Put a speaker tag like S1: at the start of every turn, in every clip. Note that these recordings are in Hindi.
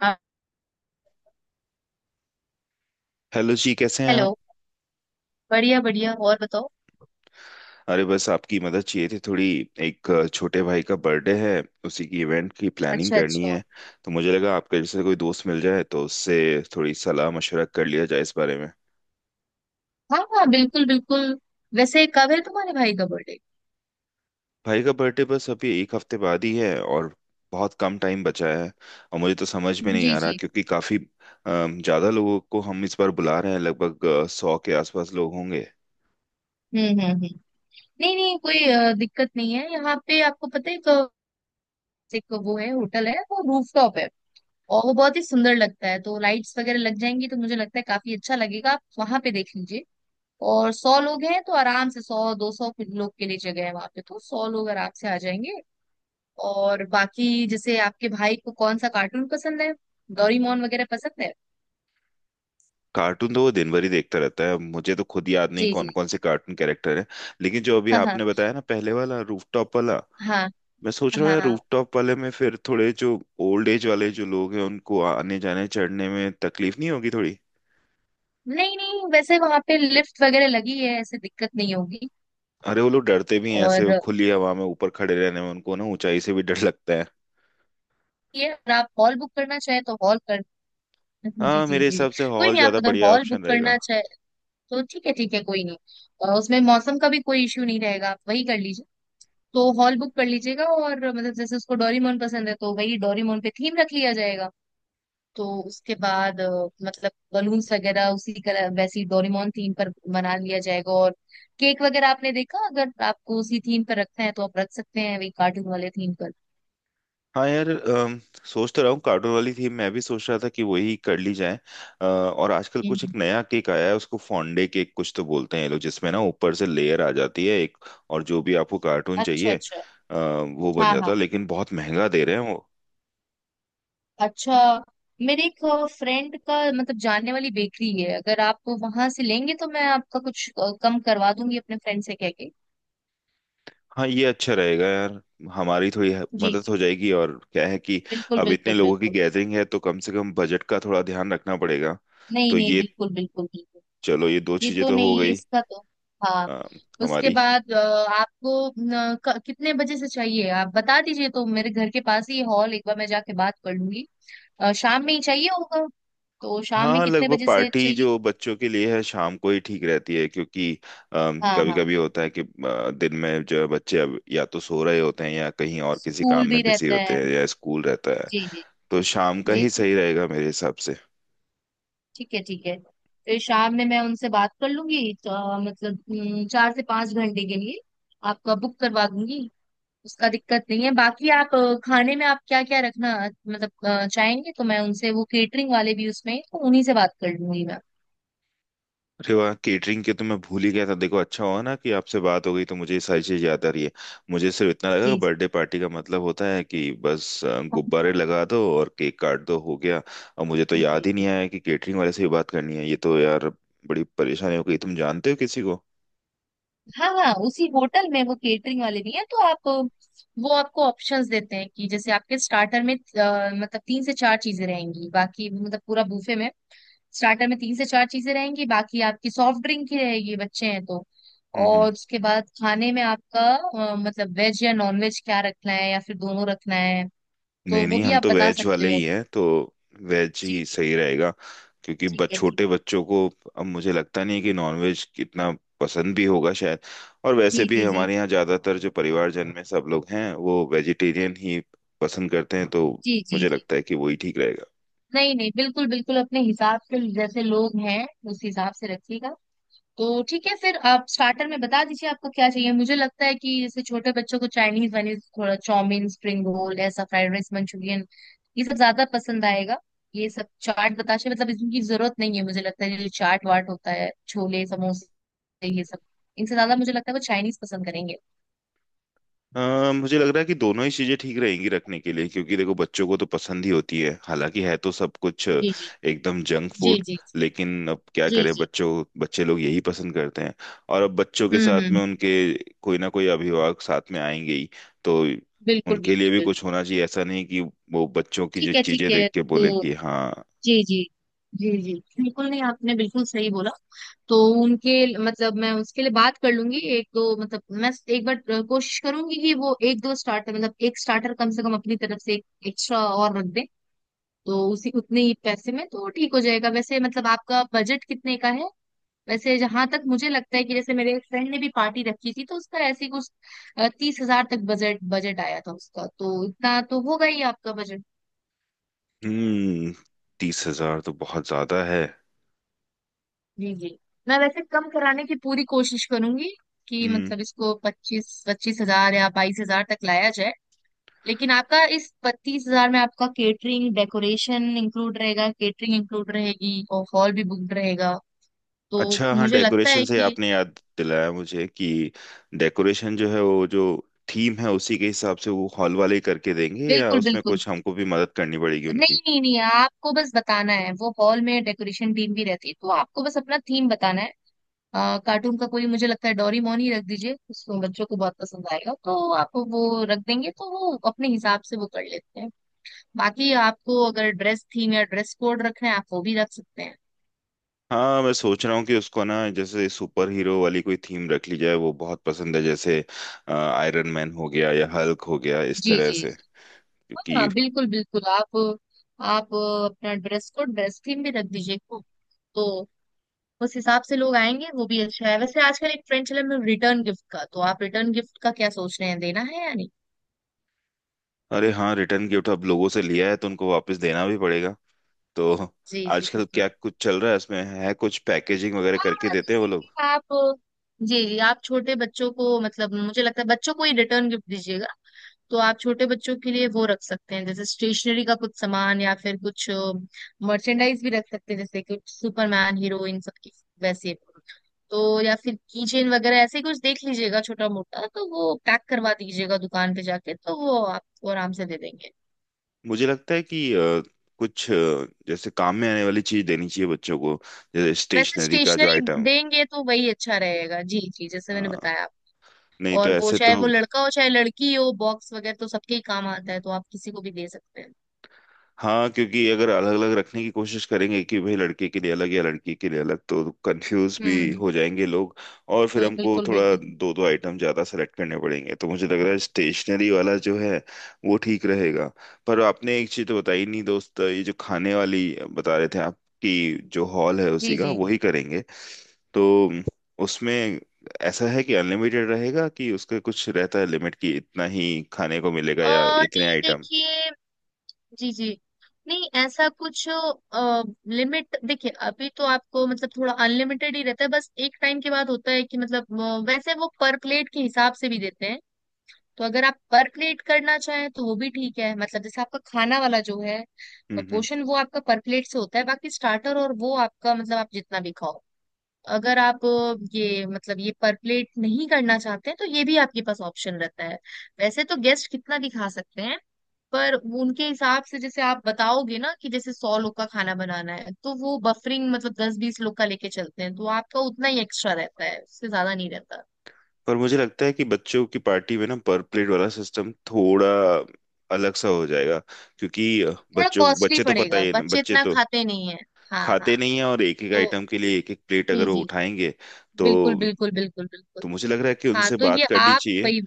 S1: हाँ,
S2: हेलो जी, कैसे हैं आप।
S1: हेलो। बढ़िया बढ़िया। और बताओ।
S2: अरे बस आपकी मदद चाहिए थी थोड़ी। एक छोटे भाई का बर्थडे है, उसी की इवेंट की प्लानिंग
S1: अच्छा
S2: करनी
S1: अच्छा।
S2: है। तो मुझे लगा आपके जैसे कोई दोस्त मिल जाए तो उससे थोड़ी सलाह मशवरा कर लिया जाए इस बारे में।
S1: हाँ हाँ, बिल्कुल बिल्कुल। वैसे कब है तुम्हारे भाई का बर्थडे?
S2: भाई का बर्थडे बस अभी एक हफ्ते बाद ही है, और बहुत कम टाइम बचा है। और मुझे तो समझ में नहीं
S1: जी
S2: आ रहा,
S1: जी।
S2: क्योंकि काफ़ी ज़्यादा लोगों को हम इस बार बुला रहे हैं, लगभग 100 के आसपास लोग होंगे।
S1: हम्म। नहीं नहीं, कोई दिक्कत नहीं है। यहाँ पे आपको पता है, एक एक वो है, होटल है, वो रूफटॉप है। और वो बहुत ही सुंदर लगता है, तो लाइट्स वगैरह लग जाएंगी तो मुझे लगता है काफी अच्छा लगेगा, आप वहां पे देख लीजिए। और सौ लोग हैं तो आराम से 100 200 लोग के लिए जगह है वहां पे, तो 100 लोग आराम से आ जाएंगे। और बाकी जैसे आपके भाई को कौन सा कार्टून पसंद है? डोरीमोन वगैरह पसंद है?
S2: कार्टून तो वो दिन भर ही देखता रहता है, मुझे तो खुद याद नहीं
S1: जी जी।
S2: कौन कौन से कार्टून कैरेक्टर हैं। लेकिन जो अभी
S1: हाँ हाँ
S2: आपने बताया ना, पहले वाला रूफटॉप वाला।
S1: हाँ
S2: मैं सोच रहा हूँ
S1: हाँ
S2: यार,
S1: हाँ।
S2: रूफटॉप वाले में फिर थोड़े जो ओल्ड एज वाले जो लोग हैं उनको आने जाने चढ़ने में तकलीफ नहीं होगी थोड़ी।
S1: नहीं नहीं, वैसे वहां पे लिफ्ट वगैरह लगी है, ऐसे दिक्कत नहीं होगी।
S2: अरे वो लोग डरते भी हैं ऐसे, वो
S1: और
S2: खुली हवा में ऊपर खड़े रहने में उनको ना ऊंचाई से भी डर लगता है।
S1: ये, अगर आप हॉल बुक करना चाहे तो हॉल कर जी
S2: हाँ,
S1: जी
S2: मेरे
S1: जी।
S2: हिसाब से
S1: कोई
S2: हॉल
S1: नहीं, आप
S2: ज्यादा
S1: अगर
S2: बढ़िया
S1: हॉल बुक
S2: ऑप्शन रहेगा।
S1: करना चाहे तो ठीक है ठीक है, कोई नहीं। उसमें मौसम का भी कोई इश्यू नहीं रहेगा, आप वही कर लीजिए। तो हॉल बुक कर लीजिएगा, और मतलब जैसे उसको डोरीमोन पसंद है तो वही डोरीमोन पे थीम रख लिया जाएगा। तो उसके बाद मतलब बलून्स वगैरह उसी कलर वैसी डोरेमोन थीम पर बना लिया जाएगा, और केक वगैरह आपने देखा, अगर आपको उसी थीम पर रखना है तो आप रख सकते हैं, वही कार्टून वाले थीम पर।
S2: हाँ यार, सोच तो रहा हूँ कार्टून वाली थी मैं भी सोच रहा था कि वही कर ली जाए। और आजकल कुछ
S1: हम्म।
S2: एक नया केक आया है, उसको फॉन्डे केक कुछ तो बोलते हैं ये लोग, जिसमें ना ऊपर से लेयर आ जाती है एक। और जो भी आपको कार्टून
S1: अच्छा
S2: चाहिए
S1: अच्छा।
S2: वो बन
S1: हाँ
S2: जाता
S1: हाँ।
S2: है, लेकिन बहुत महंगा दे रहे हैं वो।
S1: अच्छा। मेरे एक फ्रेंड का, मतलब जानने वाली बेकरी है, अगर आप वहां से लेंगे तो मैं आपका कुछ कम करवा दूंगी अपने फ्रेंड से कह के।
S2: हाँ ये अच्छा रहेगा यार। हमारी थोड़ी
S1: जी
S2: मदद
S1: जी।
S2: हो जाएगी, और क्या है कि
S1: बिल्कुल
S2: अब इतने
S1: बिल्कुल
S2: लोगों की
S1: बिल्कुल।
S2: गैदरिंग है तो कम से कम बजट का थोड़ा ध्यान रखना पड़ेगा।
S1: नहीं
S2: तो
S1: नहीं,
S2: ये,
S1: बिल्कुल बिल्कुल बिल्कुल।
S2: चलो ये दो
S1: ये
S2: चीजें
S1: तो
S2: तो हो
S1: नहीं,
S2: गई।
S1: इसका तो। हाँ।
S2: अ,
S1: उसके
S2: हमारी।
S1: बाद आपको न, कितने बजे से चाहिए? आप बता दीजिए तो मेरे घर के पास ही हॉल एक बार मैं जाके बात कर लूंगी। शाम में ही चाहिए होगा, तो शाम में
S2: हाँ,
S1: कितने
S2: लगभग
S1: बजे से
S2: पार्टी
S1: चाहिए?
S2: जो बच्चों के लिए है शाम को ही ठीक रहती है, क्योंकि
S1: हाँ
S2: कभी
S1: हाँ,
S2: कभी होता है कि दिन में जो है बच्चे अब या तो सो रहे होते हैं या कहीं और किसी
S1: स्कूल
S2: काम
S1: भी
S2: में बिजी
S1: रहता
S2: होते
S1: है।
S2: हैं या स्कूल रहता है।
S1: जी जी
S2: तो शाम का
S1: जी।
S2: ही सही रहेगा मेरे हिसाब से।
S1: ठीक है ठीक है। फिर शाम में मैं उनसे बात कर लूंगी तो, मतलब 4 से 5 घंटे के लिए आपका बुक करवा दूंगी। उसका दिक्कत नहीं है, बाकी आप खाने में आप क्या क्या रखना मतलब चाहेंगे तो मैं उनसे, वो केटरिंग वाले भी उसमें हैं, तो उन्हीं से बात कर लूंगी मैं।
S2: अरे वाह, केटरिंग के तो मैं भूल ही गया था। देखो अच्छा हुआ ना कि आपसे बात हो गई, तो मुझे ये सारी चीज याद आ रही है। मुझे सिर्फ इतना लगा कि
S1: जी जी
S2: बर्थडे पार्टी का मतलब होता है कि बस गुब्बारे लगा दो और केक काट दो, हो गया। और मुझे तो
S1: जी
S2: याद ही नहीं
S1: जी।
S2: आया कि केटरिंग वाले से भी बात करनी है, ये तो यार बड़ी परेशानी हो गई। तुम जानते हो किसी को।
S1: हाँ हाँ, उसी होटल में वो केटरिंग वाले भी हैं तो आप वो आपको ऑप्शंस देते हैं कि जैसे आपके स्टार्टर में मतलब तीन से चार चीजें रहेंगी, बाकी मतलब पूरा बूफे में। स्टार्टर में तीन से चार चीजें रहेंगी, बाकी आपकी सॉफ्ट ड्रिंक की रहेगी, बच्चे हैं तो।
S2: हम्म हम्म।
S1: और उसके बाद खाने में आपका मतलब वेज या नॉन वेज क्या रखना है या फिर दोनों रखना है, तो
S2: नहीं
S1: वो
S2: नहीं,
S1: भी
S2: हम
S1: आप
S2: तो
S1: बता
S2: वेज
S1: सकते
S2: वाले
S1: हो।
S2: ही हैं तो वेज
S1: जी
S2: ही
S1: जी।
S2: सही रहेगा। क्योंकि
S1: ठीक है ठीक
S2: छोटे
S1: है।
S2: बच्चों को अब मुझे लगता नहीं है कि नॉनवेज इतना पसंद भी होगा शायद। और वैसे
S1: जी
S2: भी
S1: जी जी।
S2: हमारे यहाँ ज्यादातर जो परिवारजन में सब लोग हैं वो वेजिटेरियन ही पसंद करते हैं, तो
S1: जी जी
S2: मुझे
S1: जी।
S2: लगता है कि वही ठीक रहेगा।
S1: नहीं नहीं, बिल्कुल बिल्कुल, अपने हिसाब से जैसे लोग हैं उस हिसाब से रखिएगा। तो ठीक है, फिर आप स्टार्टर में बता दीजिए आपको क्या चाहिए। मुझे लगता है कि जैसे छोटे बच्चों को चाइनीज वाइनीज, थोड़ा चाउमीन, स्प्रिंग रोल, ऐसा फ्राइड राइस, मंचूरियन, ये सब ज्यादा पसंद आएगा। ये सब चाट बताशे मतलब इनकी जरूरत नहीं है, मुझे लगता है जो चाट वाट होता है, छोले समोसे ये सब, इनसे ज्यादा मुझे लगता है वो चाइनीज पसंद करेंगे।
S2: मुझे लग रहा है कि दोनों ही चीजें ठीक रहेंगी रखने के लिए, क्योंकि देखो बच्चों को तो पसंद ही होती है, हालांकि है तो सब कुछ
S1: जी जी।
S2: एकदम जंक
S1: जी
S2: फूड।
S1: जी।
S2: लेकिन अब क्या
S1: जी
S2: करें,
S1: जी।
S2: बच्चों बच्चे लोग यही पसंद करते हैं। और अब बच्चों के साथ
S1: हम्म।
S2: में उनके कोई ना कोई अभिभावक साथ में आएंगे ही, तो
S1: बिल्कुल
S2: उनके लिए
S1: बिल्कुल
S2: भी कुछ
S1: बिल्कुल।
S2: होना चाहिए। ऐसा नहीं कि वो बच्चों की जो
S1: ठीक है ठीक
S2: चीजें
S1: है,
S2: देख के बोले
S1: तो
S2: कि हाँ।
S1: जी जी। जी जी बिल्कुल। नहीं, आपने बिल्कुल सही बोला। तो उनके, मतलब मैं उसके लिए बात कर लूंगी एक दो, मतलब मैं एक बार कोशिश करूंगी कि वो एक दो स्टार्टर मतलब एक स्टार्टर कम से कम अपनी तरफ से एक एक्स्ट्रा और रख दें। तो उसी उतने ही पैसे में तो ठीक हो जाएगा। वैसे मतलब आपका बजट कितने का है? वैसे जहां तक मुझे लगता है कि जैसे मेरे एक फ्रेंड ने भी पार्टी रखी थी तो उसका ऐसे ही कुछ 30,000 तक बजट बजट आया था उसका, तो इतना तो होगा ही आपका बजट।
S2: हम्म 30,000 तो बहुत ज्यादा है।
S1: जी जी। मैं वैसे कम कराने की पूरी कोशिश करूंगी कि
S2: हम्म,
S1: मतलब इसको 25,000 या 22,000 तक लाया जाए। लेकिन आपका इस 30,000 में आपका केटरिंग डेकोरेशन इंक्लूड रहेगा, केटरिंग इंक्लूड रहेगी और हॉल भी बुक रहेगा। तो
S2: अच्छा हाँ,
S1: मुझे लगता
S2: डेकोरेशन
S1: है
S2: से
S1: कि,
S2: आपने याद दिलाया मुझे कि डेकोरेशन जो है वो जो थीम है उसी के हिसाब से वो हॉल वाले करके देंगे, या
S1: बिल्कुल
S2: उसमें
S1: बिल्कुल।
S2: कुछ हमको भी मदद करनी पड़ेगी उनकी।
S1: नहीं नहीं नहीं, आपको बस बताना है, वो हॉल में डेकोरेशन टीम भी रहती है, तो आपको बस अपना थीम बताना है। कार्टून का कोई, मुझे लगता है डोरीमोन ही रख दीजिए, उसको बच्चों को बहुत पसंद आएगा, तो आप वो रख देंगे तो वो अपने हिसाब से वो कर लेते हैं। बाकी आपको अगर ड्रेस थीम या ड्रेस कोड रखना है, आप वो भी रख सकते हैं।
S2: हाँ, मैं सोच रहा हूँ कि उसको ना जैसे सुपर हीरो वाली कोई थीम रख ली जाए, वो बहुत पसंद है जैसे, आयरन मैन हो गया या हल्क हो गया इस
S1: जी
S2: तरह
S1: जी
S2: से,
S1: जी।
S2: क्योंकि।
S1: हाँ बिल्कुल बिल्कुल, आप अपना ड्रेस कोड ड्रेस थीम भी रख दीजिए। तो उस हिसाब से लोग आएंगे, वो भी अच्छा है। वैसे आजकल एक ट्रेंड चला है रिटर्न गिफ्ट का, तो आप रिटर्न गिफ्ट का क्या सोच रहे हैं, देना है या नहीं?
S2: अरे हाँ, रिटर्न गिफ्ट अब लोगों से लिया है तो उनको वापस देना भी पड़ेगा। तो
S1: जी जी
S2: आजकल
S1: बिल्कुल।
S2: क्या कुछ चल रहा है इसमें, है कुछ पैकेजिंग वगैरह
S1: हाँ
S2: करके देते हैं
S1: जैसे
S2: वो लोग।
S1: कि आप, जी जी। आप छोटे बच्चों को मतलब मुझे लगता है बच्चों को ही रिटर्न गिफ्ट दीजिएगा। तो आप छोटे बच्चों के लिए वो रख सकते हैं जैसे स्टेशनरी का कुछ सामान, या फिर कुछ मर्चेंडाइज भी रख सकते हैं, जैसे कि सुपरमैन हीरो इन सब की वैसे। तो या फिर कीचेन वगैरह ऐसे ही कुछ देख लीजिएगा छोटा मोटा, तो वो पैक करवा दीजिएगा दुकान पे जाके, तो वो आपको आराम से दे देंगे।
S2: मुझे लगता है कि कुछ जैसे काम में आने वाली चीज देनी चाहिए बच्चों को। जैसे
S1: वैसे
S2: स्टेशनरी का जो
S1: स्टेशनरी
S2: आइटम,
S1: देंगे तो वही अच्छा रहेगा। जी जी, जैसे मैंने
S2: हाँ।
S1: बताया आप,
S2: नहीं तो
S1: और वो,
S2: ऐसे तो,
S1: चाहे वो लड़का हो चाहे लड़की हो, बॉक्स वगैरह तो सबके ही काम आता है, तो आप किसी को भी दे सकते हैं।
S2: हाँ। क्योंकि अगर अलग अलग रखने की कोशिश करेंगे कि भाई लड़के के लिए अलग या लड़की के लिए अलग तो कंफ्यूज भी
S1: हम्म।
S2: हो जाएंगे लोग। और फिर हमको
S1: बिल्कुल
S2: थोड़ा
S1: बिल्कुल।
S2: दो दो आइटम ज्यादा सेलेक्ट करने पड़ेंगे, तो मुझे लग रहा है स्टेशनरी वाला जो है वो ठीक रहेगा। पर आपने एक चीज तो बताई नहीं दोस्त, ये जो खाने वाली बता रहे थे आप, कि जो हॉल है
S1: जी
S2: उसी का
S1: जी।
S2: वही करेंगे तो उसमें ऐसा है कि अनलिमिटेड रहेगा, कि उसका कुछ रहता है लिमिट कि इतना ही खाने को मिलेगा
S1: अ,
S2: या इतने
S1: नहीं
S2: आइटम।
S1: देखिए। जी जी। नहीं ऐसा कुछ लिमिट। देखिए अभी तो आपको मतलब थोड़ा अनलिमिटेड ही रहता है, बस एक टाइम के बाद होता है कि मतलब वैसे वो पर प्लेट के हिसाब से भी देते हैं। तो अगर आप पर प्लेट करना चाहें तो वो भी ठीक है, मतलब जैसे आपका खाना वाला जो है पोर्शन, वो आपका पर प्लेट से होता है, बाकी स्टार्टर और वो आपका मतलब आप जितना भी खाओ। अगर आप ये मतलब ये परप्लेट नहीं करना चाहते हैं, तो ये भी आपके पास ऑप्शन रहता है। वैसे तो गेस्ट कितना भी खा सकते हैं, पर वो उनके हिसाब से जैसे आप बताओगे ना कि जैसे 100 लोग का खाना बनाना है, तो वो बफरिंग मतलब 10-20 लोग का लेके चलते हैं, तो आपका उतना ही एक्स्ट्रा रहता है, उससे ज्यादा नहीं रहता।
S2: पर मुझे लगता है कि बच्चों की पार्टी में ना पर प्लेट वाला सिस्टम थोड़ा अलग सा हो जाएगा, क्योंकि
S1: थोड़ा
S2: बच्चों
S1: कॉस्टली
S2: बच्चे तो पता
S1: पड़ेगा,
S2: ही है ना,
S1: बच्चे
S2: बच्चे
S1: इतना
S2: तो
S1: खाते नहीं है। हाँ हाँ,
S2: खाते नहीं है और एक एक
S1: तो
S2: आइटम के लिए एक एक प्लेट
S1: जी
S2: अगर वो
S1: जी।
S2: उठाएंगे तो।
S1: बिल्कुल बिल्कुल बिल्कुल
S2: तो
S1: बिल्कुल।
S2: मुझे लग रहा है कि
S1: हाँ
S2: उनसे
S1: तो
S2: बात
S1: ये
S2: करनी
S1: आप
S2: चाहिए,
S1: वही।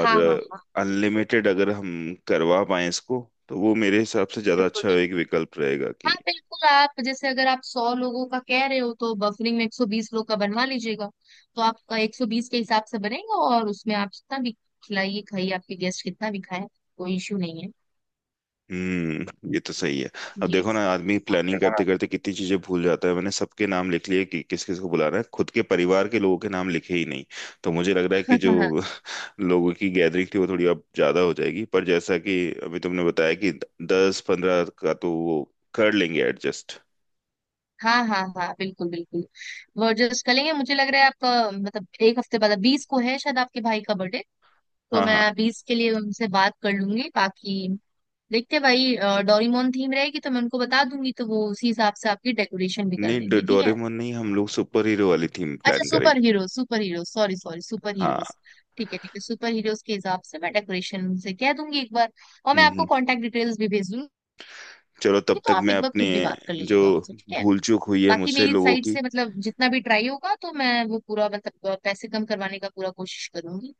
S1: हाँ हाँ हाँ,
S2: अनलिमिटेड अगर हम करवा पाए इसको तो वो मेरे हिसाब से ज्यादा
S1: बिल्कुल
S2: अच्छा
S1: बिल्कुल।
S2: एक विकल्प रहेगा
S1: हाँ
S2: कि।
S1: बिल्कुल, आप जैसे अगर आप 100 लोगों का कह रहे हो तो बफरिंग में 120 लोग का बनवा लीजिएगा। तो आपका 120 के हिसाब से बनेगा, और उसमें आप जितना भी खिलाइए खाइए, आपके गेस्ट कितना भी खाए, कोई इश्यू नहीं है।
S2: ये तो सही है। अब
S1: जी।
S2: देखो ना, आदमी
S1: हाँ
S2: प्लानिंग
S1: देखो ना।
S2: करते करते कितनी चीजें भूल जाता है। मैंने सबके नाम लिख लिए कि किस किस को बुलाना है, खुद के परिवार के लोगों के नाम लिखे ही नहीं। तो मुझे लग रहा है कि
S1: हाँ
S2: जो
S1: हाँ
S2: लोगों की गैदरिंग थी वो थोड़ी अब ज्यादा हो जाएगी, पर जैसा कि अभी तुमने बताया कि 10-15 का तो वो कर लेंगे एडजस्ट।
S1: हाँ हाँ हाँ, बिल्कुल बिल्कुल। वो एडजस्ट करेंगे। मुझे लग रहा है आपका मतलब एक हफ्ते बाद 20 को है शायद आपके भाई का बर्थडे। तो
S2: हाँ हाँ,
S1: मैं 20 के लिए उनसे बात कर लूंगी। बाकी देखते हैं भाई। डोरेमोन थीम रहेगी तो मैं उनको बता दूंगी, तो वो उसी हिसाब से आपकी डेकोरेशन भी कर
S2: नहीं
S1: देंगे। ठीक है?
S2: डोरेमोन नहीं, हम लोग सुपर हीरो वाली थीम
S1: अच्छा
S2: प्लान
S1: सुपर
S2: करेंगे।
S1: Hero super hero, sorry sorry, super heroes.
S2: हाँ।
S1: ठीक है ठीक है, सुपर हीरोज के हिसाब से मैं डेकोरेशन से कह दूंगी एक बार, और मैं
S2: हम्म
S1: आपको
S2: हम्म।
S1: कांटेक्ट डिटेल्स भी भेज दूंगी।
S2: चलो तब
S1: तो
S2: तक
S1: आप
S2: मैं
S1: एक बार
S2: अपने,
S1: खुद भी बात कर
S2: जो
S1: लीजिएगा उनसे, ठीक है?
S2: भूल चूक हुई है
S1: बाकी
S2: मुझसे
S1: मेरी
S2: लोगों
S1: साइड
S2: की।
S1: से मतलब जितना भी ट्राई होगा तो मैं वो पूरा मतलब पैसे कम करवाने का पूरा कोशिश करूंगी।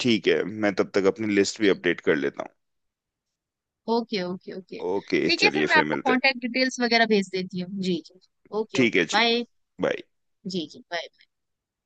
S2: ठीक है, मैं तब तक अपनी लिस्ट भी अपडेट कर लेता
S1: ओके ओके ओके।
S2: हूँ। ओके,
S1: ठीक है फिर
S2: चलिए
S1: मैं
S2: फिर
S1: आपको
S2: मिलते हैं।
S1: कांटेक्ट डिटेल्स वगैरह भेज देती हूँ। जी जी। ओके
S2: ठीक
S1: ओके
S2: है जी,
S1: बाय।
S2: बाय।
S1: जी जी bye।